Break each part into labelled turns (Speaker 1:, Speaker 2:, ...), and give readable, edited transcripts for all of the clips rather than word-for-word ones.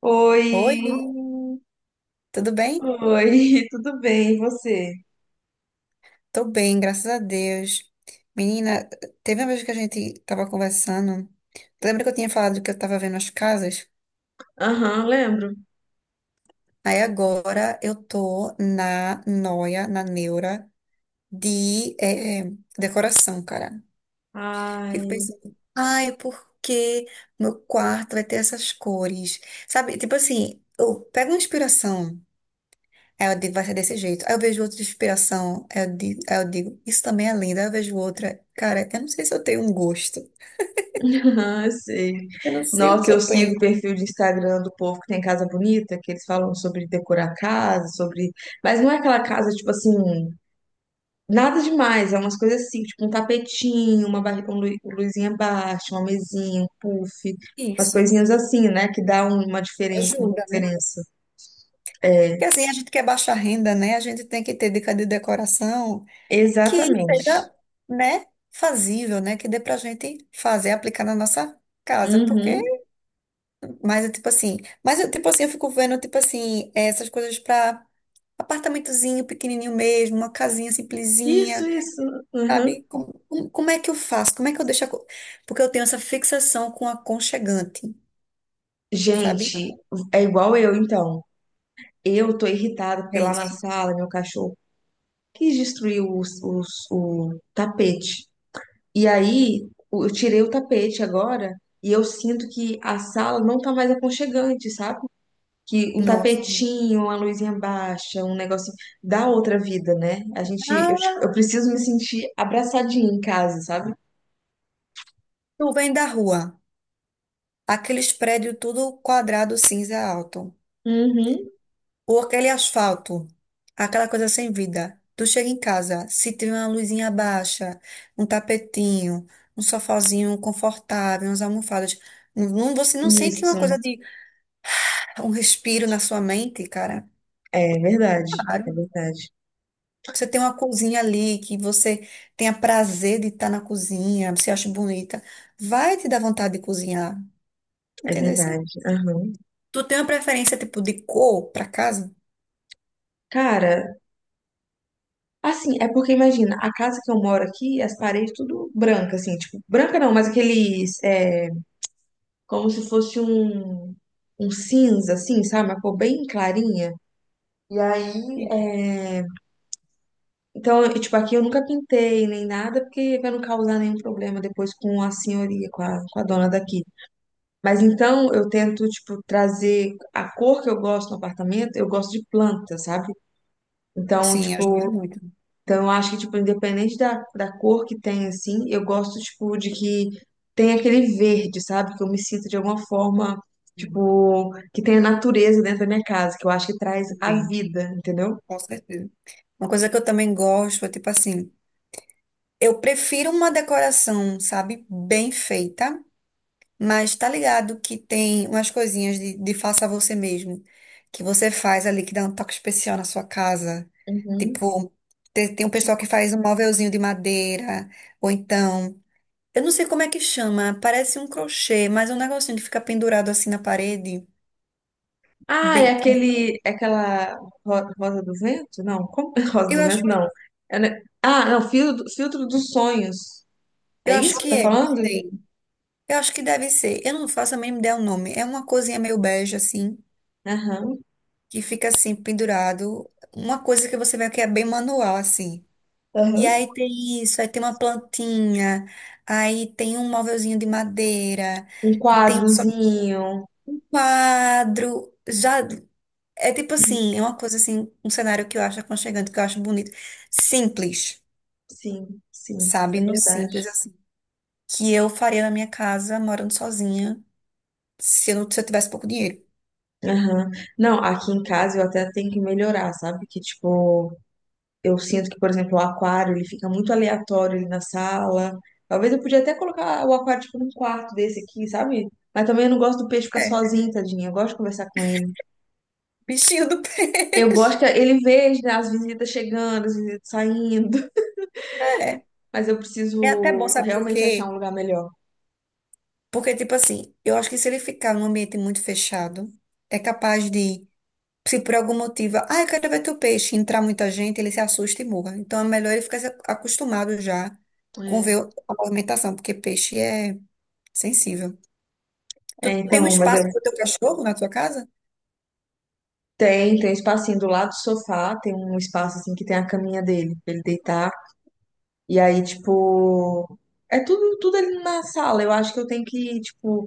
Speaker 1: Oi,
Speaker 2: Oi, tudo bem?
Speaker 1: oi, tudo bem, e você?
Speaker 2: Tô bem, graças a Deus. Menina, teve uma vez que a gente tava conversando. Lembra que eu tinha falado que eu tava vendo as casas?
Speaker 1: Aham, lembro.
Speaker 2: Aí agora eu tô na noia, na neura de decoração, cara. Fico
Speaker 1: Ai,
Speaker 2: pensando, ai, por que meu quarto vai ter essas cores? Sabe, tipo assim, eu pego uma inspiração. É, eu digo, vai ser desse jeito. Aí eu vejo outra de inspiração, aí eu digo, isso também é lindo. Aí eu vejo outra, cara, eu não sei se eu tenho um gosto.
Speaker 1: aham, eu sei.
Speaker 2: Eu não sei o que
Speaker 1: Nossa, eu
Speaker 2: eu
Speaker 1: sigo o
Speaker 2: penso.
Speaker 1: perfil de Instagram do povo que tem casa bonita, que eles falam sobre decorar casa, sobre. Mas não é aquela casa, tipo assim, nada demais, é umas coisas assim, tipo um tapetinho, uma barri... um lu- luzinha baixa, uma mesinha, um puff, umas
Speaker 2: Isso.
Speaker 1: coisinhas assim, né, que dá uma uma
Speaker 2: Ajuda, né?
Speaker 1: diferença. É,
Speaker 2: Porque assim, a gente quer baixa renda, né? A gente tem que ter dica de decoração que
Speaker 1: exatamente.
Speaker 2: seja, né, fazível, né? Que dê pra gente fazer, aplicar na nossa casa. Porque,
Speaker 1: Uhum.
Speaker 2: mas é tipo assim, mas eu, tipo assim, eu fico vendo, tipo assim, essas coisas pra apartamentozinho pequenininho mesmo, uma casinha
Speaker 1: Isso,
Speaker 2: simplesinha.
Speaker 1: isso.
Speaker 2: Sabe? Como, como é que eu faço? Como é que eu deixo a... co- Porque eu tenho essa fixação com aconchegante, sabe?
Speaker 1: Gente, é igual eu, então. Eu tô irritada porque
Speaker 2: É
Speaker 1: lá na
Speaker 2: isso.
Speaker 1: sala meu cachorro quis destruir o tapete. E aí eu tirei o tapete agora e eu sinto que a sala não tá mais aconchegante, sabe? Que um
Speaker 2: Nossa.
Speaker 1: tapetinho, uma luzinha baixa, um negocinho dá outra vida, né?
Speaker 2: Ah,
Speaker 1: Eu preciso me sentir abraçadinha em casa, sabe?
Speaker 2: tu vem da rua. Aqueles prédios tudo quadrado, cinza alto.
Speaker 1: Uhum,
Speaker 2: Ou aquele asfalto. Aquela coisa sem vida. Tu chega em casa, se tiver uma luzinha baixa, um tapetinho, um sofazinho confortável, umas almofadas. Não, você não sente uma
Speaker 1: isso.
Speaker 2: coisa de um respiro na sua mente, cara?
Speaker 1: É verdade, é
Speaker 2: Claro.
Speaker 1: verdade,
Speaker 2: Você tem uma cozinha ali que você tenha prazer de estar na cozinha, você acha bonita, vai te dar vontade de cozinhar,
Speaker 1: é
Speaker 2: entendeu? Assim?
Speaker 1: verdade. Aham.
Speaker 2: Tu tem uma preferência tipo de cor para casa?
Speaker 1: Cara. Assim, é porque imagina, a casa que eu moro aqui, as paredes tudo branca, assim, tipo, branca não, mas aqueles, é, como se fosse um cinza, assim, sabe? Uma cor bem clarinha. E aí, é, então, e, tipo, aqui eu nunca pintei nem nada, porque pra não causar nenhum problema depois com a senhoria, com a dona daqui. Mas então eu tento, tipo, trazer a cor que eu gosto no apartamento, eu gosto de planta, sabe? Então,
Speaker 2: Sim, ajuda
Speaker 1: tipo,
Speaker 2: muito.
Speaker 1: então, eu acho que, tipo, independente da cor que tem, assim, eu gosto, tipo, de que tem aquele verde, sabe? Que eu me sinto de alguma forma,
Speaker 2: Uhum.
Speaker 1: tipo, que tem a natureza dentro da minha casa, que eu acho que traz a
Speaker 2: Também,
Speaker 1: vida, entendeu?
Speaker 2: com certeza. Uma coisa que eu também gosto é tipo assim, eu prefiro uma decoração, sabe, bem feita. Mas tá ligado que tem umas coisinhas de, faça você mesmo, que você faz ali, que dá um toque especial na sua casa.
Speaker 1: Uhum.
Speaker 2: Tipo, te- tem, um pessoal que faz um móvelzinho de madeira, ou então, eu não sei como é que chama, parece um crochê, mas é um negocinho que fica pendurado assim na parede.
Speaker 1: Ah, é
Speaker 2: Bem,
Speaker 1: aquele, é aquela rosa do vento? Não, como rosa do
Speaker 2: eu acho,
Speaker 1: vento? Não. É, né? Ah, não, filtro, filtro dos sonhos. É
Speaker 2: eu acho
Speaker 1: isso que
Speaker 2: que
Speaker 1: tá
Speaker 2: é, não
Speaker 1: falando?
Speaker 2: sei. Eu acho que deve ser. Eu não faço a mínima ideia o nome. É uma coisinha meio bege, assim,
Speaker 1: Aham.
Speaker 2: que fica assim, pendurado. Uma coisa que você vê que é bem manual, assim. E
Speaker 1: Aham.
Speaker 2: aí tem isso, aí tem uma plantinha, aí tem um móvelzinho de madeira,
Speaker 1: Um
Speaker 2: e tem só um
Speaker 1: quadrozinho.
Speaker 2: quadro, já é tipo assim, é uma coisa assim, um cenário que eu acho aconchegante, que eu acho bonito, simples,
Speaker 1: Sim, sim, é
Speaker 2: sabe? No
Speaker 1: verdade.
Speaker 2: simples assim, que eu faria na minha casa morando sozinha, se eu não, se eu tivesse pouco dinheiro.
Speaker 1: Aham. Não, aqui em casa eu até tenho que melhorar, sabe? Que, tipo, eu sinto que, por exemplo, o aquário, ele fica muito aleatório ali na sala. Talvez eu podia até colocar o aquário, tipo, num quarto desse aqui, sabe? Mas também eu não gosto do peixe ficar
Speaker 2: É,
Speaker 1: sozinho, tadinho. Eu gosto de conversar com ele.
Speaker 2: bichinho do pé.
Speaker 1: Eu gosto que ele veja, né, as visitas chegando, as visitas saindo.
Speaker 2: É,
Speaker 1: Mas eu
Speaker 2: é até bom,
Speaker 1: preciso
Speaker 2: sabe por
Speaker 1: realmente achar um
Speaker 2: quê?
Speaker 1: lugar melhor.
Speaker 2: Porque tipo assim, eu acho que se ele ficar num ambiente muito fechado, é capaz de. Se por algum motivo, ah, eu quero ver teu peixe, entrar muita gente, ele se assusta e morra. Então é melhor ele ficar se acostumado já com
Speaker 1: É,
Speaker 2: ver a movimentação, porque peixe é sensível.
Speaker 1: é,
Speaker 2: Tu tem um
Speaker 1: então, mas eu...
Speaker 2: espaço para o teu cachorro na tua casa?
Speaker 1: Tem, tem um espacinho do lado do sofá, tem um espaço, assim, que tem a caminha dele, pra ele deitar. E aí, tipo, é tudo ali na sala. Eu acho que eu tenho que, tipo,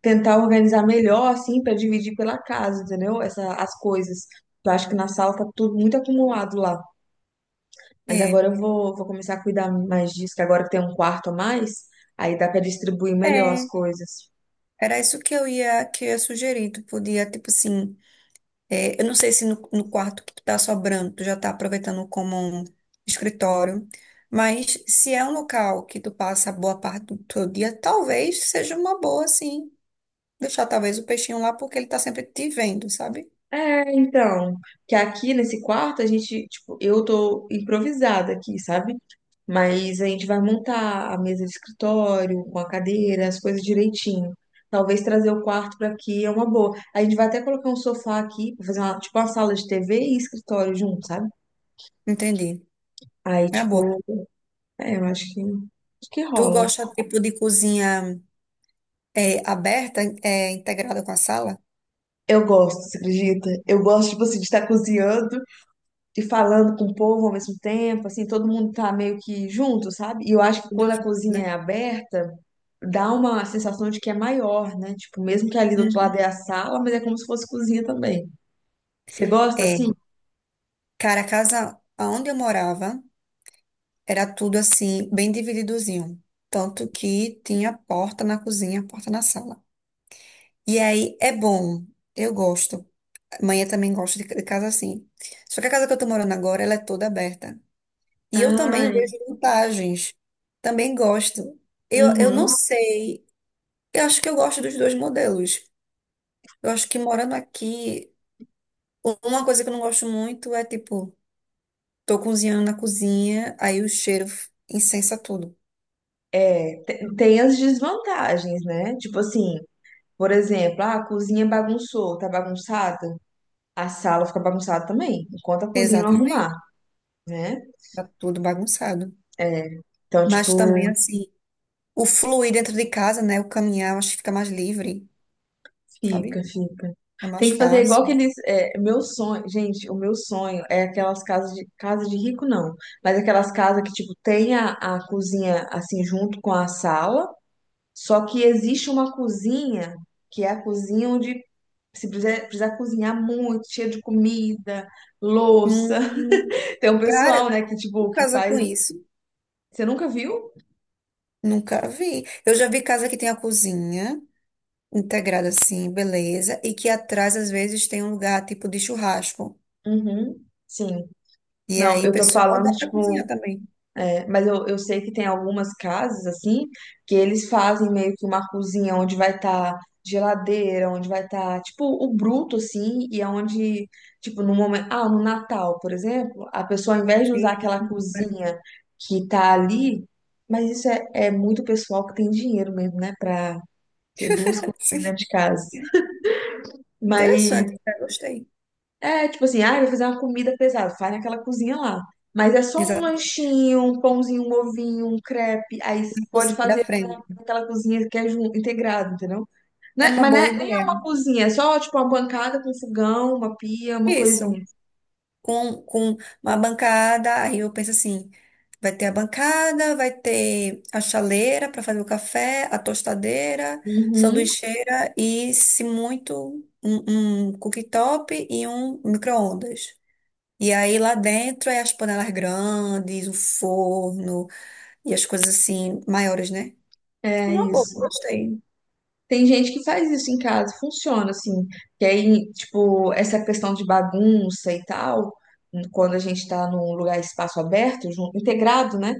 Speaker 1: tentar organizar melhor, assim, pra dividir pela casa, entendeu? Essa, as coisas. Eu acho que na sala tá tudo muito acumulado lá. Mas
Speaker 2: É.
Speaker 1: agora vou começar a cuidar mais disso, que agora que tem um quarto a mais, aí dá pra distribuir melhor as
Speaker 2: É.
Speaker 1: coisas.
Speaker 2: Era isso que eu ia, sugerir. Tu podia, tipo assim, é, eu não sei se no, no quarto que tu tá sobrando, tu já tá aproveitando como um escritório, mas se é um local que tu passa boa parte do teu dia, talvez seja uma boa, sim. Deixar talvez o peixinho lá porque ele tá sempre te vendo, sabe?
Speaker 1: É, então, que aqui nesse quarto a gente, tipo, eu tô improvisada aqui, sabe? Mas a gente vai montar a mesa de escritório, com a cadeira, as coisas direitinho. Talvez trazer o quarto pra aqui é uma boa. A gente vai até colocar um sofá aqui, pra fazer uma, tipo uma sala de TV e escritório junto, sabe?
Speaker 2: Entendi.
Speaker 1: Aí,
Speaker 2: É uma boa.
Speaker 1: tipo, é, eu acho que
Speaker 2: Tu
Speaker 1: rola.
Speaker 2: gosta tipo de cozinha é, aberta, é, integrada com a sala?
Speaker 1: Eu gosto, você acredita? Eu gosto, tipo assim, de estar cozinhando e falando com o povo ao mesmo tempo, assim, todo mundo tá meio que junto, sabe? E eu acho que
Speaker 2: Tudo
Speaker 1: quando a
Speaker 2: junto,
Speaker 1: cozinha
Speaker 2: né?
Speaker 1: é aberta, dá uma sensação de que é maior, né? Tipo, mesmo que ali do outro
Speaker 2: Uhum.
Speaker 1: lado é a sala, mas é como se fosse cozinha também. Você gosta assim?
Speaker 2: É, cara, a casa onde eu morava era tudo assim, bem divididozinho. Tanto que tinha porta na cozinha, porta na sala. E aí é bom, eu gosto. Amanhã também gosto de casa assim. Só que a casa que eu tô morando agora, ela é toda aberta. E eu também
Speaker 1: Ai,
Speaker 2: vejo vantagens. Também gosto. Eu não
Speaker 1: uhum.
Speaker 2: sei. Eu acho que eu gosto dos dois modelos. Eu acho que morando aqui, uma coisa que eu não gosto muito é tipo, tô cozinhando na cozinha, aí o cheiro incensa tudo.
Speaker 1: É, tem as desvantagens, né? Tipo assim, por exemplo, ah, a cozinha é bagunçou, tá bagunçada, a sala fica bagunçada também, enquanto a cozinha não arrumar,
Speaker 2: Exatamente.
Speaker 1: né?
Speaker 2: Tá tudo bagunçado.
Speaker 1: Então, tipo,
Speaker 2: Mas também assim, o fluir dentro de casa, né? O caminhar, eu acho que fica mais livre, sabe?
Speaker 1: fica, fica.
Speaker 2: É
Speaker 1: Tem
Speaker 2: mais
Speaker 1: que fazer igual
Speaker 2: fácil.
Speaker 1: aqueles. É, meu sonho, gente, o meu sonho é aquelas casas de casa de rico, não. Mas aquelas casas que, tipo, tem a cozinha assim junto com a sala, só que existe uma cozinha que é a cozinha onde se precisar, precisar cozinhar muito, cheia de comida, louça.
Speaker 2: Hum.
Speaker 1: Tem um
Speaker 2: Cara,
Speaker 1: pessoal, né, que, tipo, que
Speaker 2: casa com
Speaker 1: faz.
Speaker 2: isso?
Speaker 1: Você nunca viu?
Speaker 2: Nunca vi. Eu já vi casa que tem a cozinha integrada assim, beleza, e que atrás às vezes tem um lugar tipo de churrasco.
Speaker 1: Uhum. Sim.
Speaker 2: E
Speaker 1: Não,
Speaker 2: aí,
Speaker 1: eu tô
Speaker 2: pessoal,
Speaker 1: falando,
Speaker 2: dá pra cozinhar
Speaker 1: tipo.
Speaker 2: também.
Speaker 1: Mas eu sei que tem algumas casas, assim, que eles fazem meio que uma cozinha onde vai estar geladeira, onde vai estar, tipo, o bruto, assim, e aonde, tipo, no momento. Ah, no Natal, por exemplo, a pessoa, ao invés de usar
Speaker 2: Sim,
Speaker 1: aquela
Speaker 2: cara.
Speaker 1: cozinha que tá ali, mas isso é muito pessoal que tem dinheiro mesmo, né, pra ter duas cozinhas dentro
Speaker 2: Sim.
Speaker 1: de casa. Mas
Speaker 2: Interessante, cara, gostei.
Speaker 1: é, tipo assim, ah, eu vou fazer uma comida pesada, faz naquela cozinha lá. Mas é só um
Speaker 2: Exato,
Speaker 1: lanchinho, um pãozinho, um ovinho, um crepe.
Speaker 2: a
Speaker 1: Pode
Speaker 2: cozinha
Speaker 1: fazer
Speaker 2: da frente.
Speaker 1: aquela cozinha que é integrado, entendeu?
Speaker 2: É
Speaker 1: Né?
Speaker 2: uma
Speaker 1: Mas
Speaker 2: boa
Speaker 1: né, nem é
Speaker 2: ideia.
Speaker 1: uma cozinha, é só tipo uma bancada com fogão, uma pia, uma coisinha.
Speaker 2: Isso. Com, uma bancada. Aí eu penso assim: vai ter a bancada, vai ter a chaleira para fazer o café, a tostadeira,
Speaker 1: Uhum,
Speaker 2: sanduicheira e, se muito, um, cooktop e um micro-ondas. E aí lá dentro é as panelas grandes, o forno e as coisas assim maiores, né?
Speaker 1: é
Speaker 2: Uma boa,
Speaker 1: isso.
Speaker 2: gostei.
Speaker 1: Tem gente que faz isso em casa, funciona assim. Que aí, tipo, essa questão de bagunça e tal, quando a gente tá num lugar, espaço aberto, integrado, né?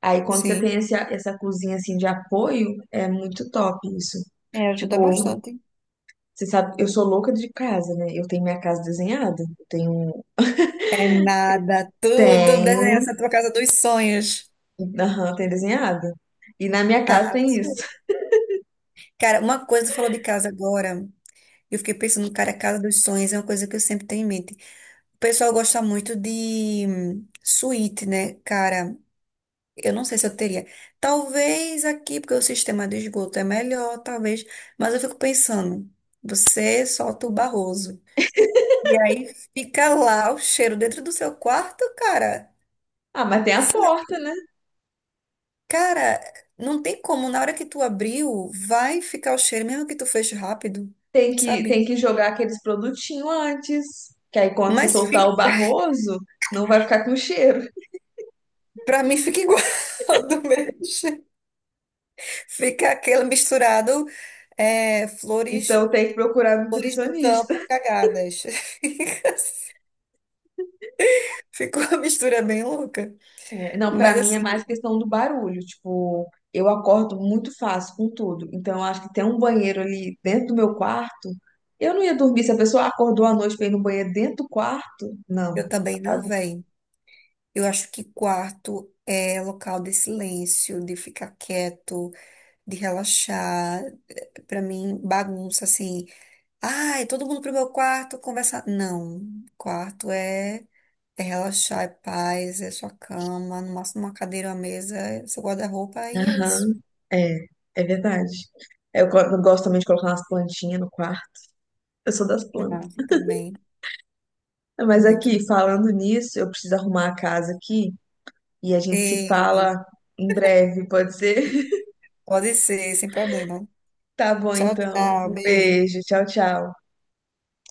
Speaker 1: Aí quando você
Speaker 2: Sim,
Speaker 1: tem essa cozinha assim de apoio, é muito top isso.
Speaker 2: é, ajuda
Speaker 1: Tipo,
Speaker 2: bastante.
Speaker 1: você sabe, eu sou louca de casa, né? Eu tenho minha casa desenhada. Eu tenho.
Speaker 2: É nada, tudo desenhar
Speaker 1: Tenho.
Speaker 2: essa tua casa dos sonhos.
Speaker 1: Aham, tem desenhada. E na minha casa tem isso.
Speaker 2: Arrasou. Cara, uma coisa que tu falou de casa agora, eu fiquei pensando, cara, a casa dos sonhos é uma coisa que eu sempre tenho em mente. O pessoal gosta muito de suíte, né? Cara, eu não sei se eu teria. Talvez aqui, porque o sistema de esgoto é melhor, talvez, mas eu fico pensando, você solta o barroso. E aí fica lá o cheiro dentro do seu quarto, cara.
Speaker 1: Ah, mas tem a porta, né?
Speaker 2: Cara, não tem como, na hora que tu abriu, vai ficar o cheiro, mesmo que tu feche rápido, sabe?
Speaker 1: Tem que jogar aqueles produtinhos antes. Que aí quando você
Speaker 2: Mas
Speaker 1: soltar
Speaker 2: fi-
Speaker 1: o barroso, não vai ficar com cheiro.
Speaker 2: para mim fica igual do mesmo jeito. Fica aquele misturado é, flores,
Speaker 1: Então tem que procurar
Speaker 2: flores do
Speaker 1: nutricionista.
Speaker 2: campo cagadas. Ficou uma mistura bem louca.
Speaker 1: É, não, pra
Speaker 2: Mas
Speaker 1: mim é
Speaker 2: assim,
Speaker 1: mais questão do barulho. Tipo, eu acordo muito fácil com tudo. Então, eu acho que ter um banheiro ali dentro do meu quarto, eu não ia dormir. Se a pessoa acordou à noite pra ir no banheiro dentro do quarto, não.
Speaker 2: eu também não
Speaker 1: Sabe?
Speaker 2: venho. Eu acho que quarto é local de silêncio, de ficar quieto, de relaxar. Para mim, bagunça assim. Ai, todo mundo pro meu quarto conversar. Não, quarto é. É relaxar, é paz, é sua cama, no máximo uma cadeira, uma mesa, é seu guarda-roupa e é
Speaker 1: Aham,
Speaker 2: isso.
Speaker 1: é, é verdade. Eu, eu gosto também de colocar umas plantinhas no quarto. Eu sou das plantas.
Speaker 2: Massa também,
Speaker 1: Mas
Speaker 2: muito.
Speaker 1: aqui, falando nisso, eu preciso arrumar a casa aqui e a gente se
Speaker 2: E
Speaker 1: fala em breve, pode ser?
Speaker 2: pode ser, sem problema.
Speaker 1: Tá bom,
Speaker 2: Tchau,
Speaker 1: então.
Speaker 2: tchau,
Speaker 1: Um
Speaker 2: beijo.
Speaker 1: beijo. Tchau, tchau.